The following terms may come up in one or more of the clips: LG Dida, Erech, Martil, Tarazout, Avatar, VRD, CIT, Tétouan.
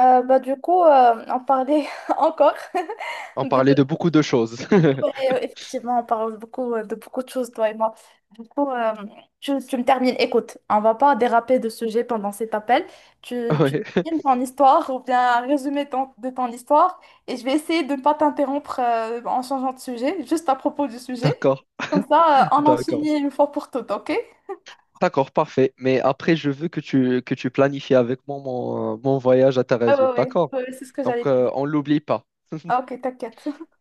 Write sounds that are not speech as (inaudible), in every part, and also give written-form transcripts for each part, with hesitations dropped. On parlait (laughs) encore (laughs) On parlait de de... beaucoup de choses. et (laughs) euh, Effectivement, on parle beaucoup de beaucoup de choses, toi et moi. Du coup, euh, tu me termines. Écoute, on va pas déraper de sujet pendant cet appel. Tu Ouais, termines ton histoire ou bien un résumé de ton histoire et je vais essayer de ne pas t'interrompre en changeant de sujet, juste à propos du sujet. d'accord, (laughs) Comme ça, on en d'accord. finit une fois pour toutes, ok? D'accord, parfait. Mais après, je veux que tu planifies avec moi mon voyage à Ah Tarazout, ouais, ouais, d'accord? ouais, c'est ce que j'allais Donc, te dire. On l'oublie pas. Ah, ok, t'inquiète. (laughs)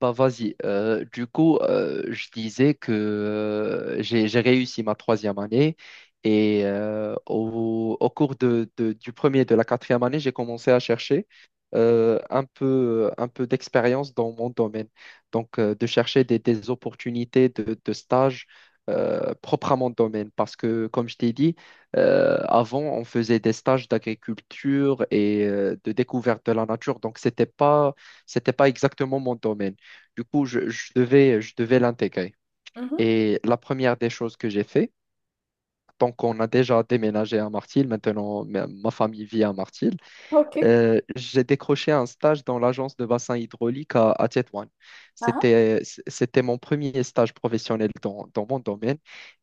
Bah vas-y. Du coup, je disais que j'ai réussi ma troisième année et au cours du premier et de la quatrième année, j'ai commencé à chercher un peu d'expérience dans mon domaine. Donc, de chercher des opportunités de stage, propres à mon domaine. Parce que, comme je t'ai dit, avant, on faisait des stages d'agriculture et de découverte de la nature. Donc, c'était pas exactement mon domaine. Du coup, je devais l'intégrer. Mhm. Et la première des choses que j'ai fait, tant qu'on a déjà déménagé à Martil, maintenant ma famille vit à Martil, Ok. J'ai décroché un stage dans l'agence de bassin hydraulique à Tétouan. Ah, ah. C'était, c'était mon premier stage professionnel dans mon domaine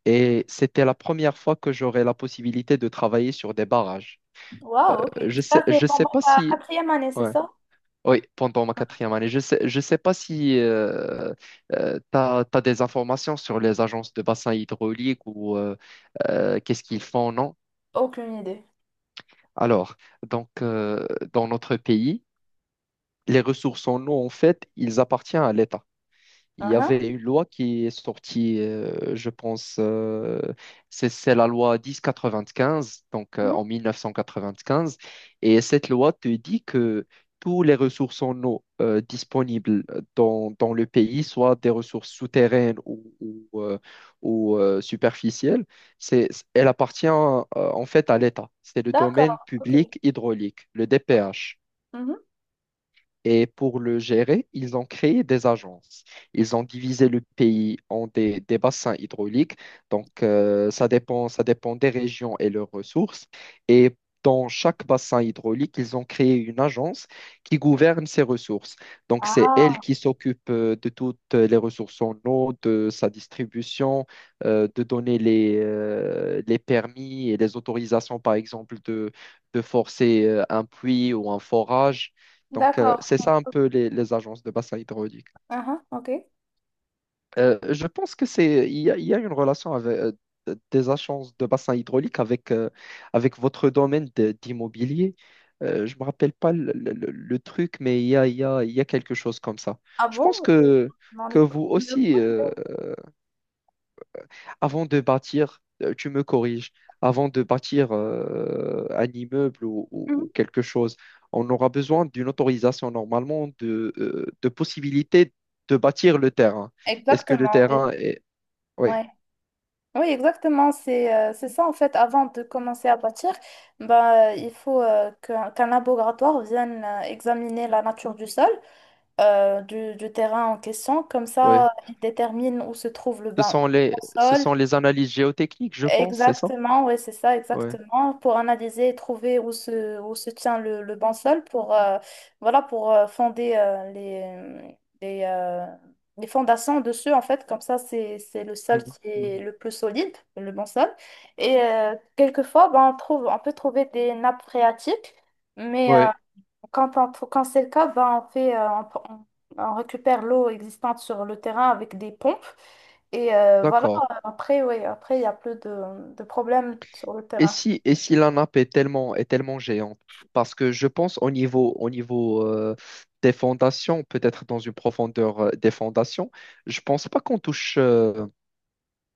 et c'était la première fois que j'aurais la possibilité de travailler sur des barrages. Waouh, ok. Je sais, Ça, c'est je sais pendant pas ta si... quatrième année, c'est Ouais, ça? oui, pendant ma quatrième année. Je sais pas si tu as des informations sur les agences de bassin hydraulique ou, qu'est-ce qu'ils font, non? Aucune idée. Alors, donc, dans notre pays, les ressources en eau, en fait, ils appartiennent à l'État. Il y Uhum. avait une loi qui est sortie, je pense, c'est la loi 1095, donc Mhm. en 1995. Et cette loi te dit que tous les ressources en eau disponibles dans le pays, soit des ressources souterraines, superficielles, c'est, elle appartient en fait à l'État. C'est le domaine D'accord, ok. public hydraulique, le Ok. DPH. Mhm. Et pour le gérer, ils ont créé des agences. Ils ont divisé le pays en des bassins hydrauliques. Donc, ça dépend des régions et leurs ressources. Et dans chaque bassin hydraulique, ils ont créé une agence qui gouverne ces ressources. Donc, c'est elle Ah, qui s'occupe de toutes les ressources en eau, de sa distribution, de donner les permis et les autorisations, par exemple, de forcer un puits ou un forage. Donc, d'accord. c'est ça un peu les agences de bassin hydraulique. Uhum, ok. Je pense que il y a une relation avec, des agences de bassin hydraulique avec votre d'immobilier. Je ne me rappelle pas le truc, mais il y a, il y a, il y a quelque chose comme ça. Ah Je bon? pense Je que, non. ai que pas- vous je n'ai aussi, aucune. Avant de bâtir, tu me corriges, avant de bâtir un immeuble ou, ou- Mhm. ou quelque chose, on aura besoin d'une autorisation normalement de possibilité de bâtir le terrain. Est-ce que le Exactement, oui. terrain est... Oui, Ouais. Oui, exactement. C'est ça, en fait, avant de commencer à bâtir, il faut qu'un laboratoire vienne examiner la nature du sol, du terrain en question. Comme oui. ça, il détermine où se trouve le Ce bain, sont les, le ce sol. sont les analyses géotechniques, je pense, c'est ça? Exactement, oui, c'est ça, Oui. exactement, pour analyser et trouver où se tient le bon sol pour, voilà, pour fonder les, euh, les fondations dessus, en fait, comme ça, c'est le sol Mhm. qui est Mhm. le plus solide, le bon sol. Et quelquefois, ben, on peut trouver des nappes phréatiques, mais Oui, quand c'est le cas, ben, on fait, on on récupère l'eau existante sur le terrain avec des pompes. Et voilà, d'accord. après, oui, après, il y a plus de problèmes sur le Et terrain. si, et si la nappe est tellement géante? Parce que je pense au niveau des fondations, peut-être dans une profondeur des fondations, je pense pas qu'on touche, euh,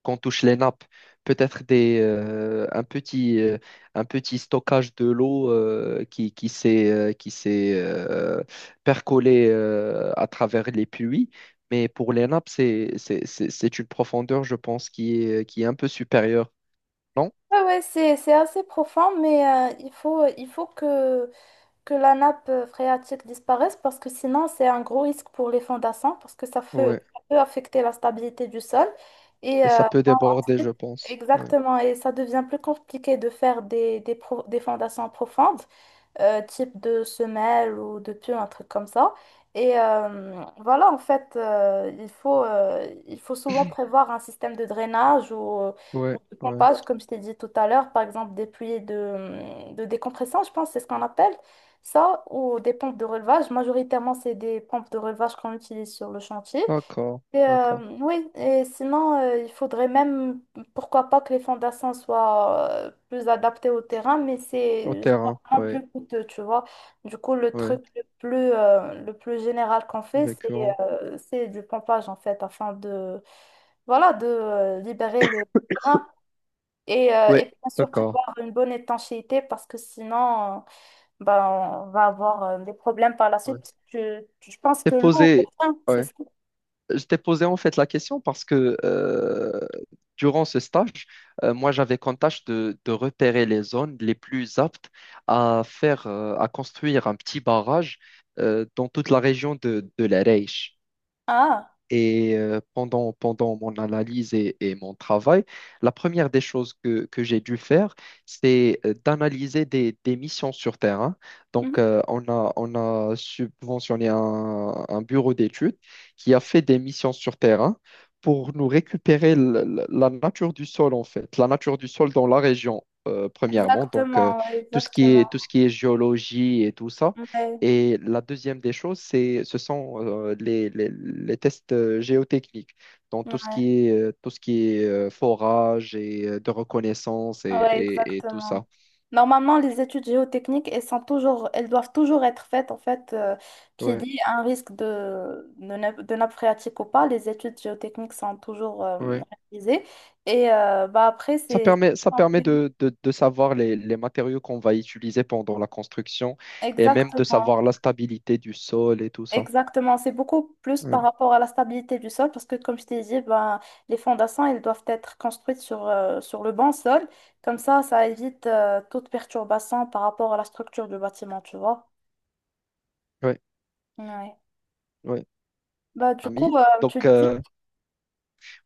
qu'on touche les nappes. Peut-être un petit stockage de l'eau qui s'est percolé à travers les puits. Mais pour les nappes, c'est une profondeur, je pense, qui est un peu supérieure. Non? Ouais, ouais, c'est assez profond, mais il faut que la nappe phréatique disparaisse parce que sinon, c'est un gros risque pour les fondations parce que ça peut affecter la stabilité du sol. Et Et ça peut déborder, je ensuite, pense. Ouais, exactement, et ça devient plus compliqué de faire des fondations profondes, type de semelle ou de pieu, un truc comme ça. Et voilà, en fait, il faut souvent prévoir un système de drainage ouais, ou de ouais. pompage, comme je t'ai dit tout à l'heure, par exemple des puits de décompression, je pense, c'est ce qu'on appelle ça, ou des pompes de relevage. Majoritairement, c'est des pompes de relevage qu'on utilise sur le chantier. D'accord, Et, d'accord. oui, et sinon, il faudrait même, pourquoi pas, que les fondations soient plus adaptées au terrain, mais Au c'est terrain, généralement ouais, plus coûteux, tu vois. Du coup, ouais. Le plus général qu'on fait, Récurrent. C'est du pompage, en fait, afin de, voilà, de libérer le terrain et Ouais, bien sûr d'accord. prévoir une bonne étanchéité parce que sinon, euh, ben, on va avoir des problèmes par la suite, Ouais. parce que je pense T'es que l'eau, au posé, terrain, c'est ouais. ça. Je t'ai posé en fait la question parce que durant ce stage, moi j'avais comme tâche de repérer les zones les plus aptes à faire, à construire un petit barrage dans toute la région de l'Erech. Ah. Et pendant mon analyse et mon travail, la première des choses que j'ai dû faire, c'est d'analyser des missions sur terrain. Donc, on a subventionné un bureau d'études qui a fait des missions sur terrain pour nous récupérer la nature du sol, en fait, la nature du sol dans la région, premièrement. Donc, tout ce qui Exactement. est, tout ce qui est géologie et tout ça. Ouais, Et la deuxième des choses, ce sont les tests géotechniques, donc ouais, tout ce qui est forage et de reconnaissance et, ouais, et- et tout exactement. ça. Normalement, les études géotechniques, elles doivent toujours être faites, en fait, qu'il Ouais, y ait un risque de nappe phréatique ou pas. Les études géotechniques sont toujours ouais. réalisées. Et après, Ça permet, ça permet c'est- de savoir les matériaux qu'on va utiliser pendant la construction et même de Exactement. savoir la stabilité du sol et tout ça. Exactement, c'est beaucoup plus Ouais, par rapport à la stabilité du sol parce que comme je t'ai dit, ben, les fondations, elles doivent être construites sur, sur le bon sol. Comme ça évite toute perturbation par rapport à la structure du bâtiment, tu vois. ouais, Ouais. ouais. Bah, du coup, Ami, euh, tu donc disais...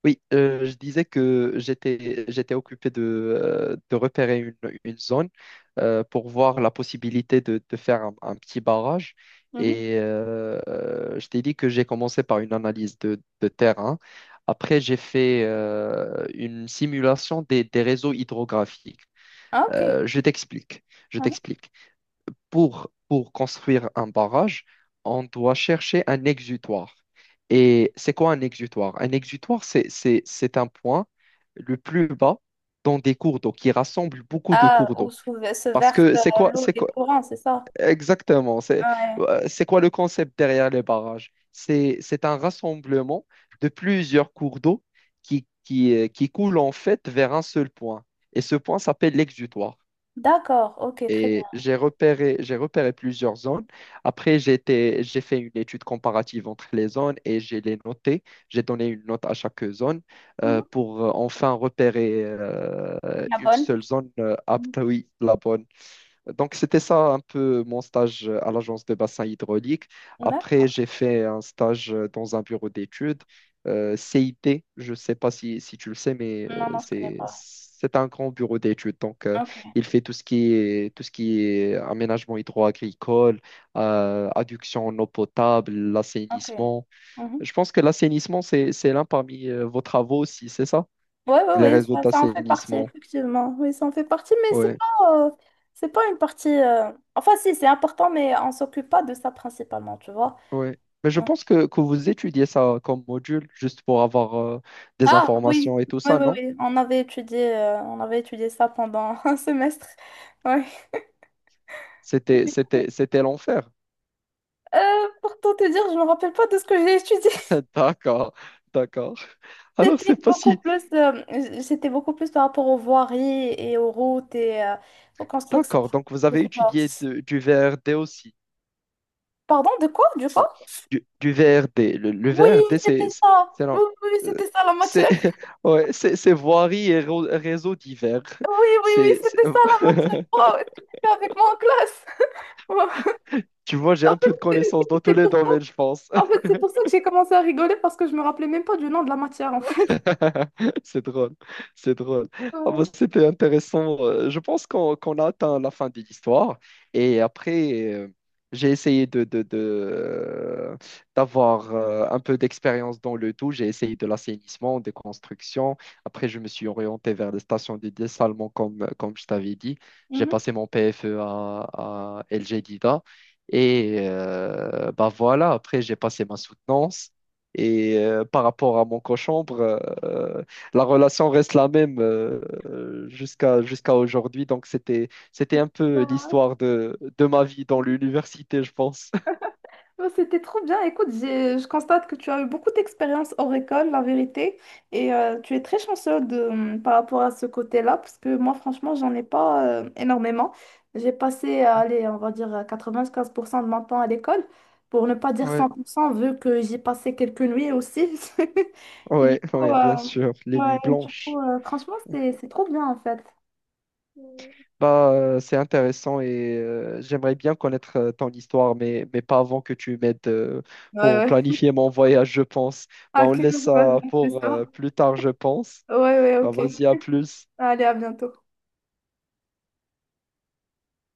oui, je disais que j'étais occupé de repérer une zone pour voir la possibilité de faire un petit barrage. Mhm. Et je t'ai dit que j'ai commencé par une analyse de terrain. Après, j'ai fait une simulation des réseaux hydrographiques. Ah, ok. Je t'explique. Je Mhm. t'explique, pour construire un barrage, on doit chercher un exutoire. Et c'est quoi un exutoire? Un exutoire, c'est un point le plus bas dans des cours d'eau qui rassemble beaucoup de Ah, cours où d'eau. Se Parce verse que c'est quoi, l'eau c'est des quoi, courants, c'est ça? exactement, Ouais. C'est quoi le concept derrière les barrages? C'est un rassemblement de plusieurs cours d'eau qui coulent en fait vers un seul point. Et ce point s'appelle l'exutoire. D'accord, ok, très bien. Et j'ai repéré plusieurs zones. Après, j'ai fait une étude comparative entre les zones et j'ai les notées. J'ai donné une note à chaque zone Mhm. Pour enfin repérer La une bonne? seule zone Mhm. apte, oui, la bonne. Donc, c'était ça un peu mon stage à l'agence de bassin hydraulique. Après, D'accord. j'ai fait un stage dans un bureau d'études, CIT. Je ne sais pas si tu le sais, mais Non, non, je connais c'est, pas. c'est un grand bureau d'études. Donc, Ok, il fait tout ce qui est aménagement hydro-agricole, adduction en eau potable, ok. l'assainissement. Mhm. Je pense que l'assainissement, c'est l'un parmi vos travaux aussi, c'est ça? Oui, oui, Les oui, réseaux ça en fait partie, d'assainissement. effectivement. Oui, ça en fait partie, mais c'est Ouais. pas, une partie. Enfin, si, c'est important, mais on s'occupe pas de ça principalement, tu vois. Oui, mais je On- pense que vous étudiez ça comme module juste pour avoir des Ah, oui, informations et tout oui, ça, oui, non? oui. On avait étudié ça pendant (laughs) un semestre. Ouais. C'était l'enfer. Pour tout te dire, je me rappelle pas de ce que j'ai étudié. (laughs) (laughs) D'accord, d'accord. Alors, c'est pas si... c'était beaucoup plus par rapport aux voiries et aux routes et aux constructions D'accord, donc vous de ce avez genre. étudié du V R D aussi. Pardon, de quoi, du Donc, quoi? du V R D. Le Oui, V R D, c'était c'est... C'est ça. c'est Oui, non, oui, oui, euh, c'était ça la c'est- matière. (laughs) ouais, c'est voirie et réseaux divers. Oui, oui, oui, C'est, c'est- c'était ça la matière. (laughs) Wow, est-ce que t'étais avec moi en classe? (laughs) Wow. Tu vois, j'ai En un fait, peu de connaissances dans c'est- tous C'est les pour... domaines, je pense. en fait, c'est pour ça que j'ai commencé à rigoler parce que je me rappelais même pas du nom de la matière, en fait. (laughs) C'est drôle, c'est drôle. Ah bah, Ouais. c'était intéressant. Je pense qu'on a atteint la fin de l'histoire. Et après, j'ai essayé d'avoir un peu d'expérience dans le tout. J'ai essayé de l'assainissement, des constructions. Après, je me suis orienté vers les stations de dessalement, comme je t'avais dit. J'ai Mhm. passé mon PFE à LG Dida. Et bah voilà, après, j'ai passé ma soutenance. Et par rapport à mon cochambre, euh, la relation reste la même jusqu'à aujourd'hui. Donc c'était un peu l'histoire de ma vie dans l'université, je pense. Oh, c'était trop bien. Écoute, je constate que tu as eu beaucoup d'expérience hors école, la vérité, et tu es très chanceux de, par rapport à ce côté-là, parce que moi, franchement, j'en ai pas énormément. J'ai passé, (laughs) allez, on va dire 95% de mon temps à l'école, pour ne pas dire Ouais, 100%, vu que j'y passais quelques nuits aussi. (laughs) Du ouais, coup, ouais, bien euh, sûr, les ouais, nuits du coup blanches. euh, franchement, c'est trop bien, en fait. Bah, c'est intéressant et j'aimerais bien connaître ton histoire, mais pas avant que tu m'aides Ouais, pour ouais. planifier mon voyage, je pense. Bah, on Ok, laisse ça vas-y, c'est pour ça. Plus tard, je pense. Ouais, ouais, Bah, ok. vas-y, à plus. Allez, à bientôt.